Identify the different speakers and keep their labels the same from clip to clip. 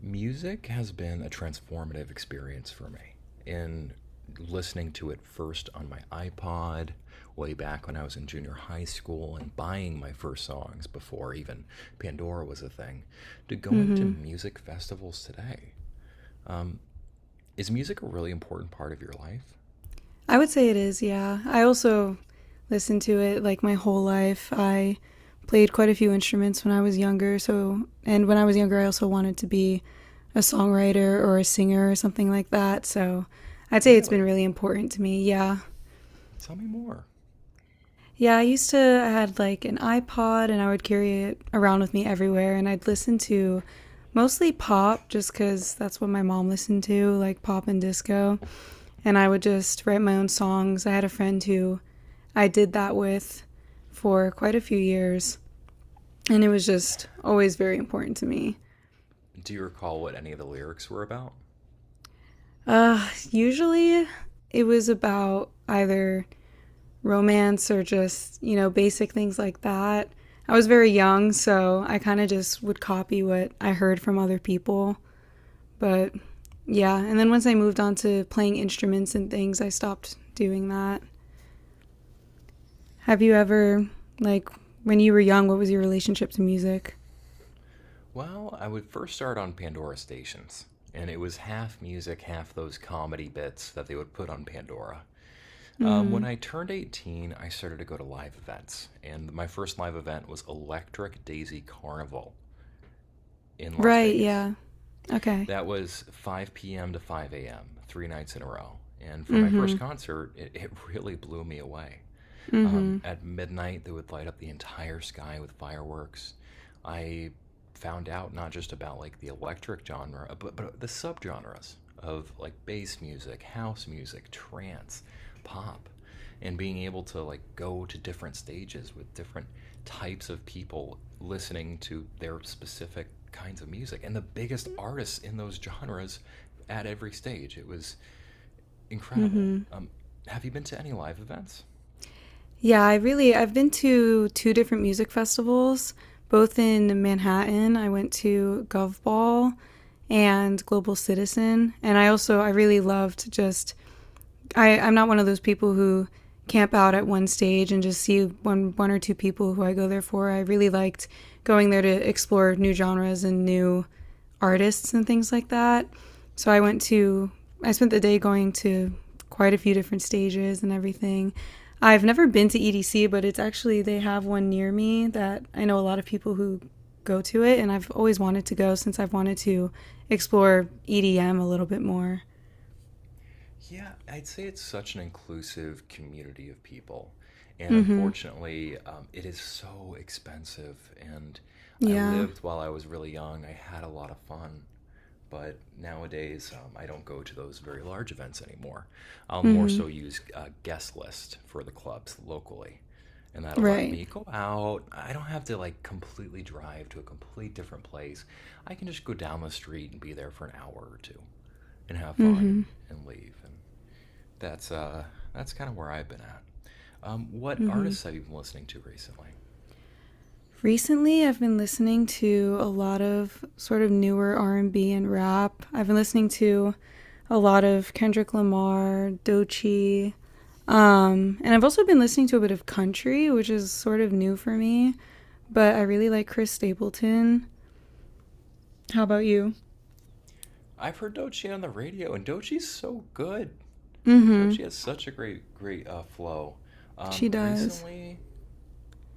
Speaker 1: Music has been a transformative experience for me in listening to it first on my iPod way back when I was in junior high school and buying my first songs before even Pandora was a thing to going to
Speaker 2: Mm-hmm.
Speaker 1: music festivals today. Is music a really important part of your life?
Speaker 2: I would say it is, yeah. I also listened to it like my whole life. I played quite a few instruments when I was younger, so and when I was younger I also wanted to be a songwriter or a singer or something like that. So I'd say it's been
Speaker 1: Really?
Speaker 2: really important to me. Yeah.
Speaker 1: Tell me more.
Speaker 2: Yeah, I used to I had like an iPod and I would carry it around with me everywhere, and I'd listen to mostly pop just cuz that's what my mom listened to, like pop and disco. And I would just write my own songs. I had a friend who I did that with for quite a few years, and it was just always very important to me.
Speaker 1: Do you recall what any of the lyrics were about?
Speaker 2: Usually it was about either romance or just, basic things like that. I was very young, so I kind of just would copy what I heard from other people. But yeah, and then once I moved on to playing instruments and things, I stopped doing that. Have you ever, like, when you were young, what was your relationship to music?
Speaker 1: Well, I would first start on Pandora stations, and it was half music, half those comedy bits that they would put on Pandora.
Speaker 2: Mm
Speaker 1: Um,
Speaker 2: hmm.
Speaker 1: when I turned 18, I started to go to live events, and my first live event was Electric Daisy Carnival in Las
Speaker 2: Right,
Speaker 1: Vegas.
Speaker 2: yeah. Okay.
Speaker 1: That was 5 p.m. to 5 a.m., three nights in a row. And for my
Speaker 2: Mm-hmm.
Speaker 1: first concert, it really blew me away.
Speaker 2: Mm-hmm.
Speaker 1: At midnight, they would light up the entire sky with fireworks. I found out not just about like the electric genre, but the subgenres of like bass music, house music, trance, pop, and being able to like go to different stages with different types of people listening to their specific kinds of music and the biggest artists in those genres at every stage. It was incredible.
Speaker 2: Mm-hmm.
Speaker 1: Have you been to any live events?
Speaker 2: Yeah, I've been to two different music festivals, both in Manhattan. I went to Gov Ball and Global Citizen, and I really loved just I'm not one of those people who camp out at one stage and just see one or two people who I go there for. I really liked going there to explore new genres and new artists and things like that. So I went to I spent the day going to quite a few different stages and everything. I've never been to EDC, but it's actually they have one near me that I know a lot of people who go to it, and I've always wanted to go since I've wanted to explore EDM a little bit more.
Speaker 1: Yeah, I'd say it's such an inclusive community of people. And
Speaker 2: Mhm.
Speaker 1: unfortunately, it is so expensive. And I
Speaker 2: Yeah.
Speaker 1: lived while I was really young, I had a lot of fun. But nowadays, I don't go to those very large events anymore. I'll more
Speaker 2: Mhm.
Speaker 1: so use a guest list for the clubs locally. And that'll let
Speaker 2: Right.
Speaker 1: me go out. I don't have to like completely drive to a complete different place. I can just go down the street and be there for an hour or two and have fun
Speaker 2: Mhm.
Speaker 1: and leave. And that's that's kind of where I've been at. What
Speaker 2: Mhm.
Speaker 1: artists have you been listening to recently?
Speaker 2: Recently, I've been listening to a lot of sort of newer R&B and B and rap. I've been listening to a lot of Kendrick Lamar, Doechii, and I've also been listening to a bit of country, which is sort of new for me, but I really like Chris Stapleton. How about you?
Speaker 1: I've heard Dochi on the radio, and Dochi's so good.
Speaker 2: Mhm.
Speaker 1: Dochi has such a great flow.
Speaker 2: She
Speaker 1: Um,
Speaker 2: does.
Speaker 1: recently,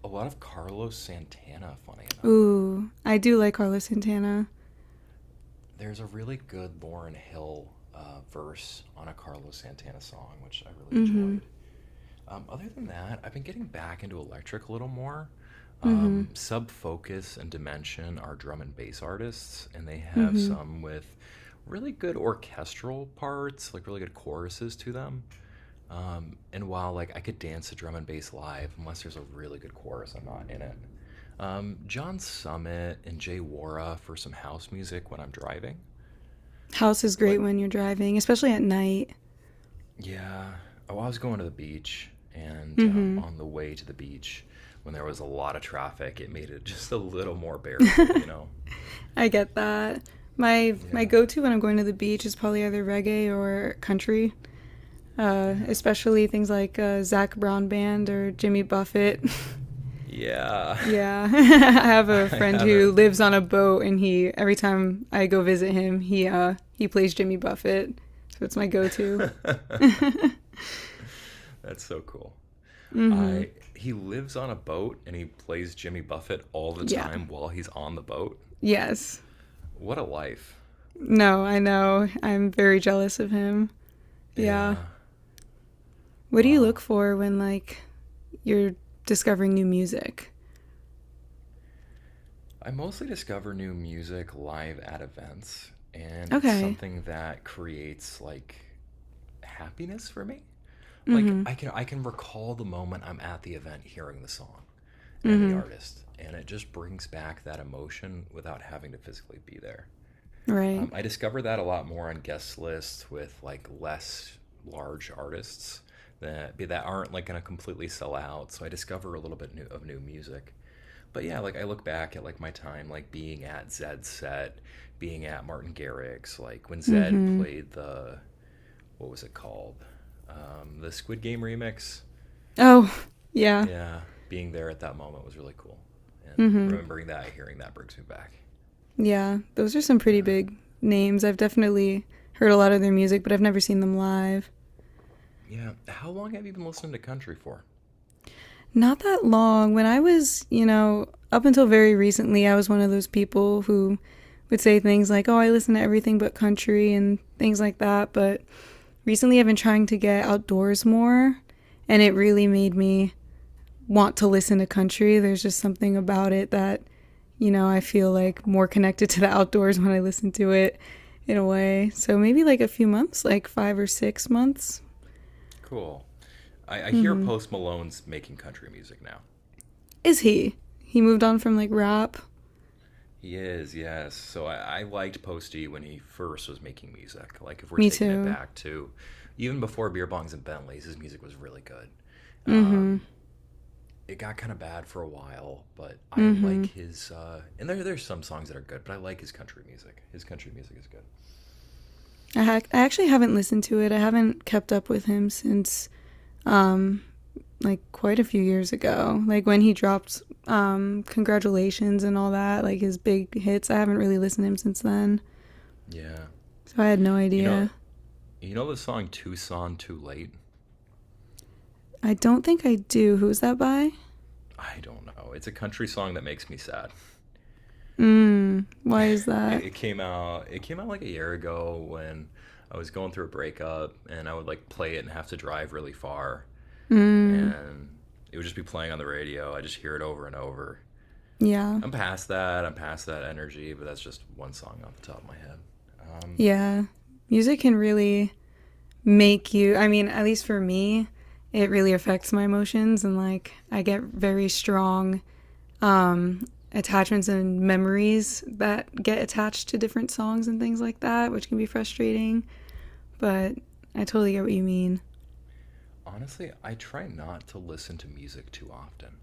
Speaker 1: a lot of Carlos Santana. Funny enough,
Speaker 2: Ooh, I do like Carlos Santana.
Speaker 1: there's a really good Lauren Hill verse on a Carlos Santana song, which I really
Speaker 2: Mhm.
Speaker 1: enjoyed. Other than that, I've been getting back into electric a little more.
Speaker 2: Mhm.
Speaker 1: Sub Focus and Dimension are drum and bass artists, and they have
Speaker 2: Mhm.
Speaker 1: some with really good orchestral parts, like really good choruses to them. And while like I could dance to drum and bass live, unless there's a really good chorus, I'm not in it. John Summit and Jay Wara for some house music when I'm driving.
Speaker 2: House is great
Speaker 1: But
Speaker 2: when you're driving, especially at night.
Speaker 1: yeah. Oh, I was going to the beach, and um,
Speaker 2: Mm-hmm.
Speaker 1: on the way to the beach, when there was a lot of traffic, it made it just a little more bearable?
Speaker 2: I get that. My
Speaker 1: Yeah.
Speaker 2: go to when I'm going to the beach is probably either reggae or country,
Speaker 1: Yeah.
Speaker 2: especially things like Zach Brown Band or Jimmy Buffett.
Speaker 1: Yeah.
Speaker 2: Yeah, I have a
Speaker 1: I
Speaker 2: friend who
Speaker 1: haven't.
Speaker 2: lives on a boat, and he every time I go visit him, he plays Jimmy Buffett, so it's my go to.
Speaker 1: That's so cool.
Speaker 2: Mm-hmm.
Speaker 1: I he lives on a boat and he plays Jimmy Buffett all the
Speaker 2: Yeah.
Speaker 1: time while he's on the boat.
Speaker 2: Yes.
Speaker 1: What a life.
Speaker 2: No, I know. I'm very jealous of him. Yeah.
Speaker 1: Yeah.
Speaker 2: What do you
Speaker 1: Wow.
Speaker 2: look for when, like, you're discovering new music?
Speaker 1: I mostly discover new music live at events, and it's
Speaker 2: Okay.
Speaker 1: something that creates like happiness for me.
Speaker 2: Mm
Speaker 1: Like
Speaker 2: hmm.
Speaker 1: I can recall the moment I'm at the event hearing the song and the
Speaker 2: Mm
Speaker 1: artist, and it just brings back that emotion without having to physically be there.
Speaker 2: hmm. Right.
Speaker 1: I discover that a lot more on guest lists with like less large artists that aren't like going to completely sell out. So I discover a little bit new, of new music but yeah, like I look back at like my time, like being at Zed's set, being at Martin Garrix, like when
Speaker 2: Mm
Speaker 1: Zed
Speaker 2: hmm.
Speaker 1: played the what was it called, the Squid Game remix.
Speaker 2: Oh, yeah.
Speaker 1: Yeah, being there at that moment was really cool, and
Speaker 2: Mm hmm.
Speaker 1: remembering that, hearing that brings me back.
Speaker 2: Yeah. Those are some
Speaker 1: Yeah,
Speaker 2: pretty big names. I've definitely heard a lot of their music, but I've never seen them live.
Speaker 1: yeah. How long have you been listening to country for?
Speaker 2: Not that long. When I was, you know, up until very recently, I was one of those people who would say things like, oh, I listen to everything but country and things like that. But recently, I've been trying to get outdoors more, and it really made me want to listen to country. There's just something about it that, you know, I feel like more connected to the outdoors when I listen to it in a way. So maybe like a few months, like five or six months.
Speaker 1: Cool. I hear Post Malone's making country music now.
Speaker 2: Is he? He moved on from like rap.
Speaker 1: He is, yes. So I liked Posty when he first was making music. Like if we're
Speaker 2: Me
Speaker 1: taking it
Speaker 2: too.
Speaker 1: back to even before beer bongs and Bentleys, his music was really good.
Speaker 2: Mm hmm.
Speaker 1: Um, it got kind of bad for a while, but I
Speaker 2: Mm hmm.
Speaker 1: like his. And there's some songs that are good, but I like his country music. His country music is good.
Speaker 2: I actually haven't listened to it. I haven't kept up with him since um, like quite a few years ago. Like when he dropped Congratulations and all that, like his big hits. I haven't really listened to him since then.
Speaker 1: Yeah,
Speaker 2: So I had no
Speaker 1: you know,
Speaker 2: idea.
Speaker 1: you know the song "Tucson Too Late."
Speaker 2: I don't think I do. Who's that by?
Speaker 1: I don't know. It's a country song that makes me sad.
Speaker 2: Mmm. Why is that?
Speaker 1: It came out like a year ago when I was going through a breakup, and I would like play it and have to drive really far,
Speaker 2: Mmm.
Speaker 1: and it would just be playing on the radio. I just hear it over and over.
Speaker 2: Yeah.
Speaker 1: I'm past that. I'm past that energy, but that's just one song off the top of my head. Um,
Speaker 2: Yeah. Music can really make you, I mean, at least for me, it really affects my emotions, and like I get very strong um attachments and memories that get attached to different songs and things like that, which can be frustrating, but I totally get what you mean.
Speaker 1: honestly, I try not to listen to music too often.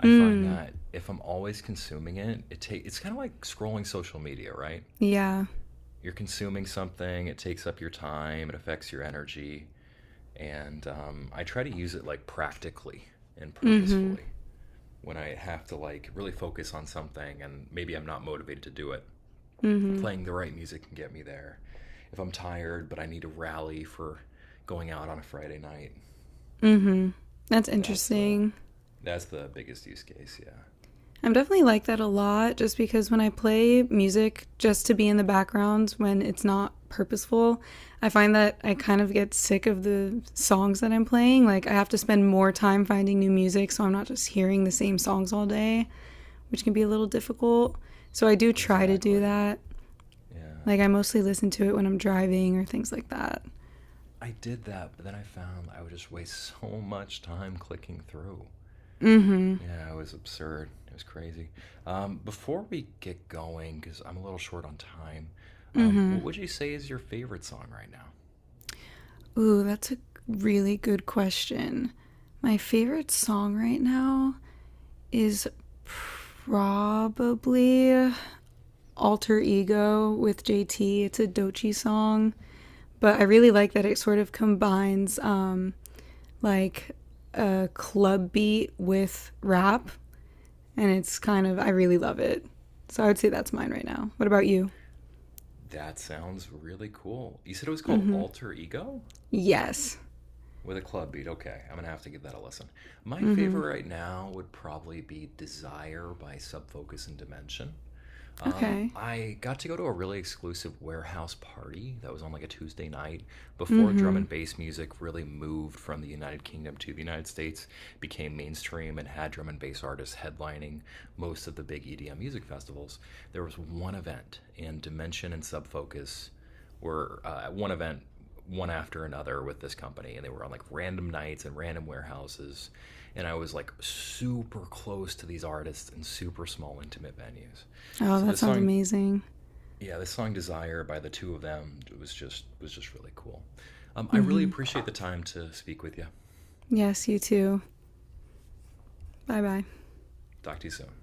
Speaker 1: I find
Speaker 2: Mm.
Speaker 1: that if I'm always consuming it, it take it's kind of like scrolling social media, right?
Speaker 2: Yeah.
Speaker 1: You're consuming something, it takes up your time, it affects your energy. And I try to use it like practically and
Speaker 2: Mhm.
Speaker 1: purposefully when I have to like really focus on something and maybe I'm not motivated to do it.
Speaker 2: Mhm.
Speaker 1: Playing the right music can get me there. If I'm tired but I need to rally for going out on a Friday night,
Speaker 2: Mhm. That's
Speaker 1: that's the
Speaker 2: interesting.
Speaker 1: that's the biggest use case, yeah.
Speaker 2: I'm definitely like that a lot, just because when I play music just to be in the background when it's not purposeful, I find that I kind of get sick of the songs that I'm playing. Like, I have to spend more time finding new music so I'm not just hearing the same songs all day, which can be a little difficult. So, I do try to do
Speaker 1: Exactly.
Speaker 2: that.
Speaker 1: Yeah.
Speaker 2: Like, I mostly listen to it when I'm driving or things like that.
Speaker 1: I did that, but then I found I would just waste so much time clicking through.
Speaker 2: Mm hmm.
Speaker 1: Yeah, it was absurd. It was crazy. Before we get going, because I'm a little short on time, what would you say is your favorite song right now?
Speaker 2: Ooh, that's a really good question. My favorite song right now? Is probably Alter Ego with JT. It's a Dochi song, but I really like that it sort of combines, like a club beat with rap, and it's kind of, I really love it. So I would say that's mine right now. What about you?
Speaker 1: That sounds really cool. You said it was
Speaker 2: Mm
Speaker 1: called
Speaker 2: hmm.
Speaker 1: Alter Ego
Speaker 2: Yes.
Speaker 1: with a club beat. Okay, I'm gonna have to give that a listen. My
Speaker 2: Mm hmm.
Speaker 1: favorite right now would probably be Desire by Sub Focus and Dimension. Um,
Speaker 2: Okay.
Speaker 1: I got to go to a really exclusive warehouse party that was on like a Tuesday night
Speaker 2: Mm
Speaker 1: before drum
Speaker 2: hmm.
Speaker 1: and bass music really moved from the United Kingdom to the United States, became mainstream, and had drum and bass artists headlining most of the big EDM music festivals. There was one event, and Dimension and Sub Focus were at one event, one after another with this company, and they were on like random nights and random warehouses. And I was like super close to these artists in super small, intimate venues.
Speaker 2: Oh,
Speaker 1: So
Speaker 2: that
Speaker 1: the
Speaker 2: sounds
Speaker 1: song,
Speaker 2: amazing.
Speaker 1: yeah, the song "Desire" by the two of them was just really cool. I
Speaker 2: Mm
Speaker 1: really
Speaker 2: hmm.
Speaker 1: appreciate the time to speak with you.
Speaker 2: Yes, you too. Bye bye.
Speaker 1: Talk to you soon.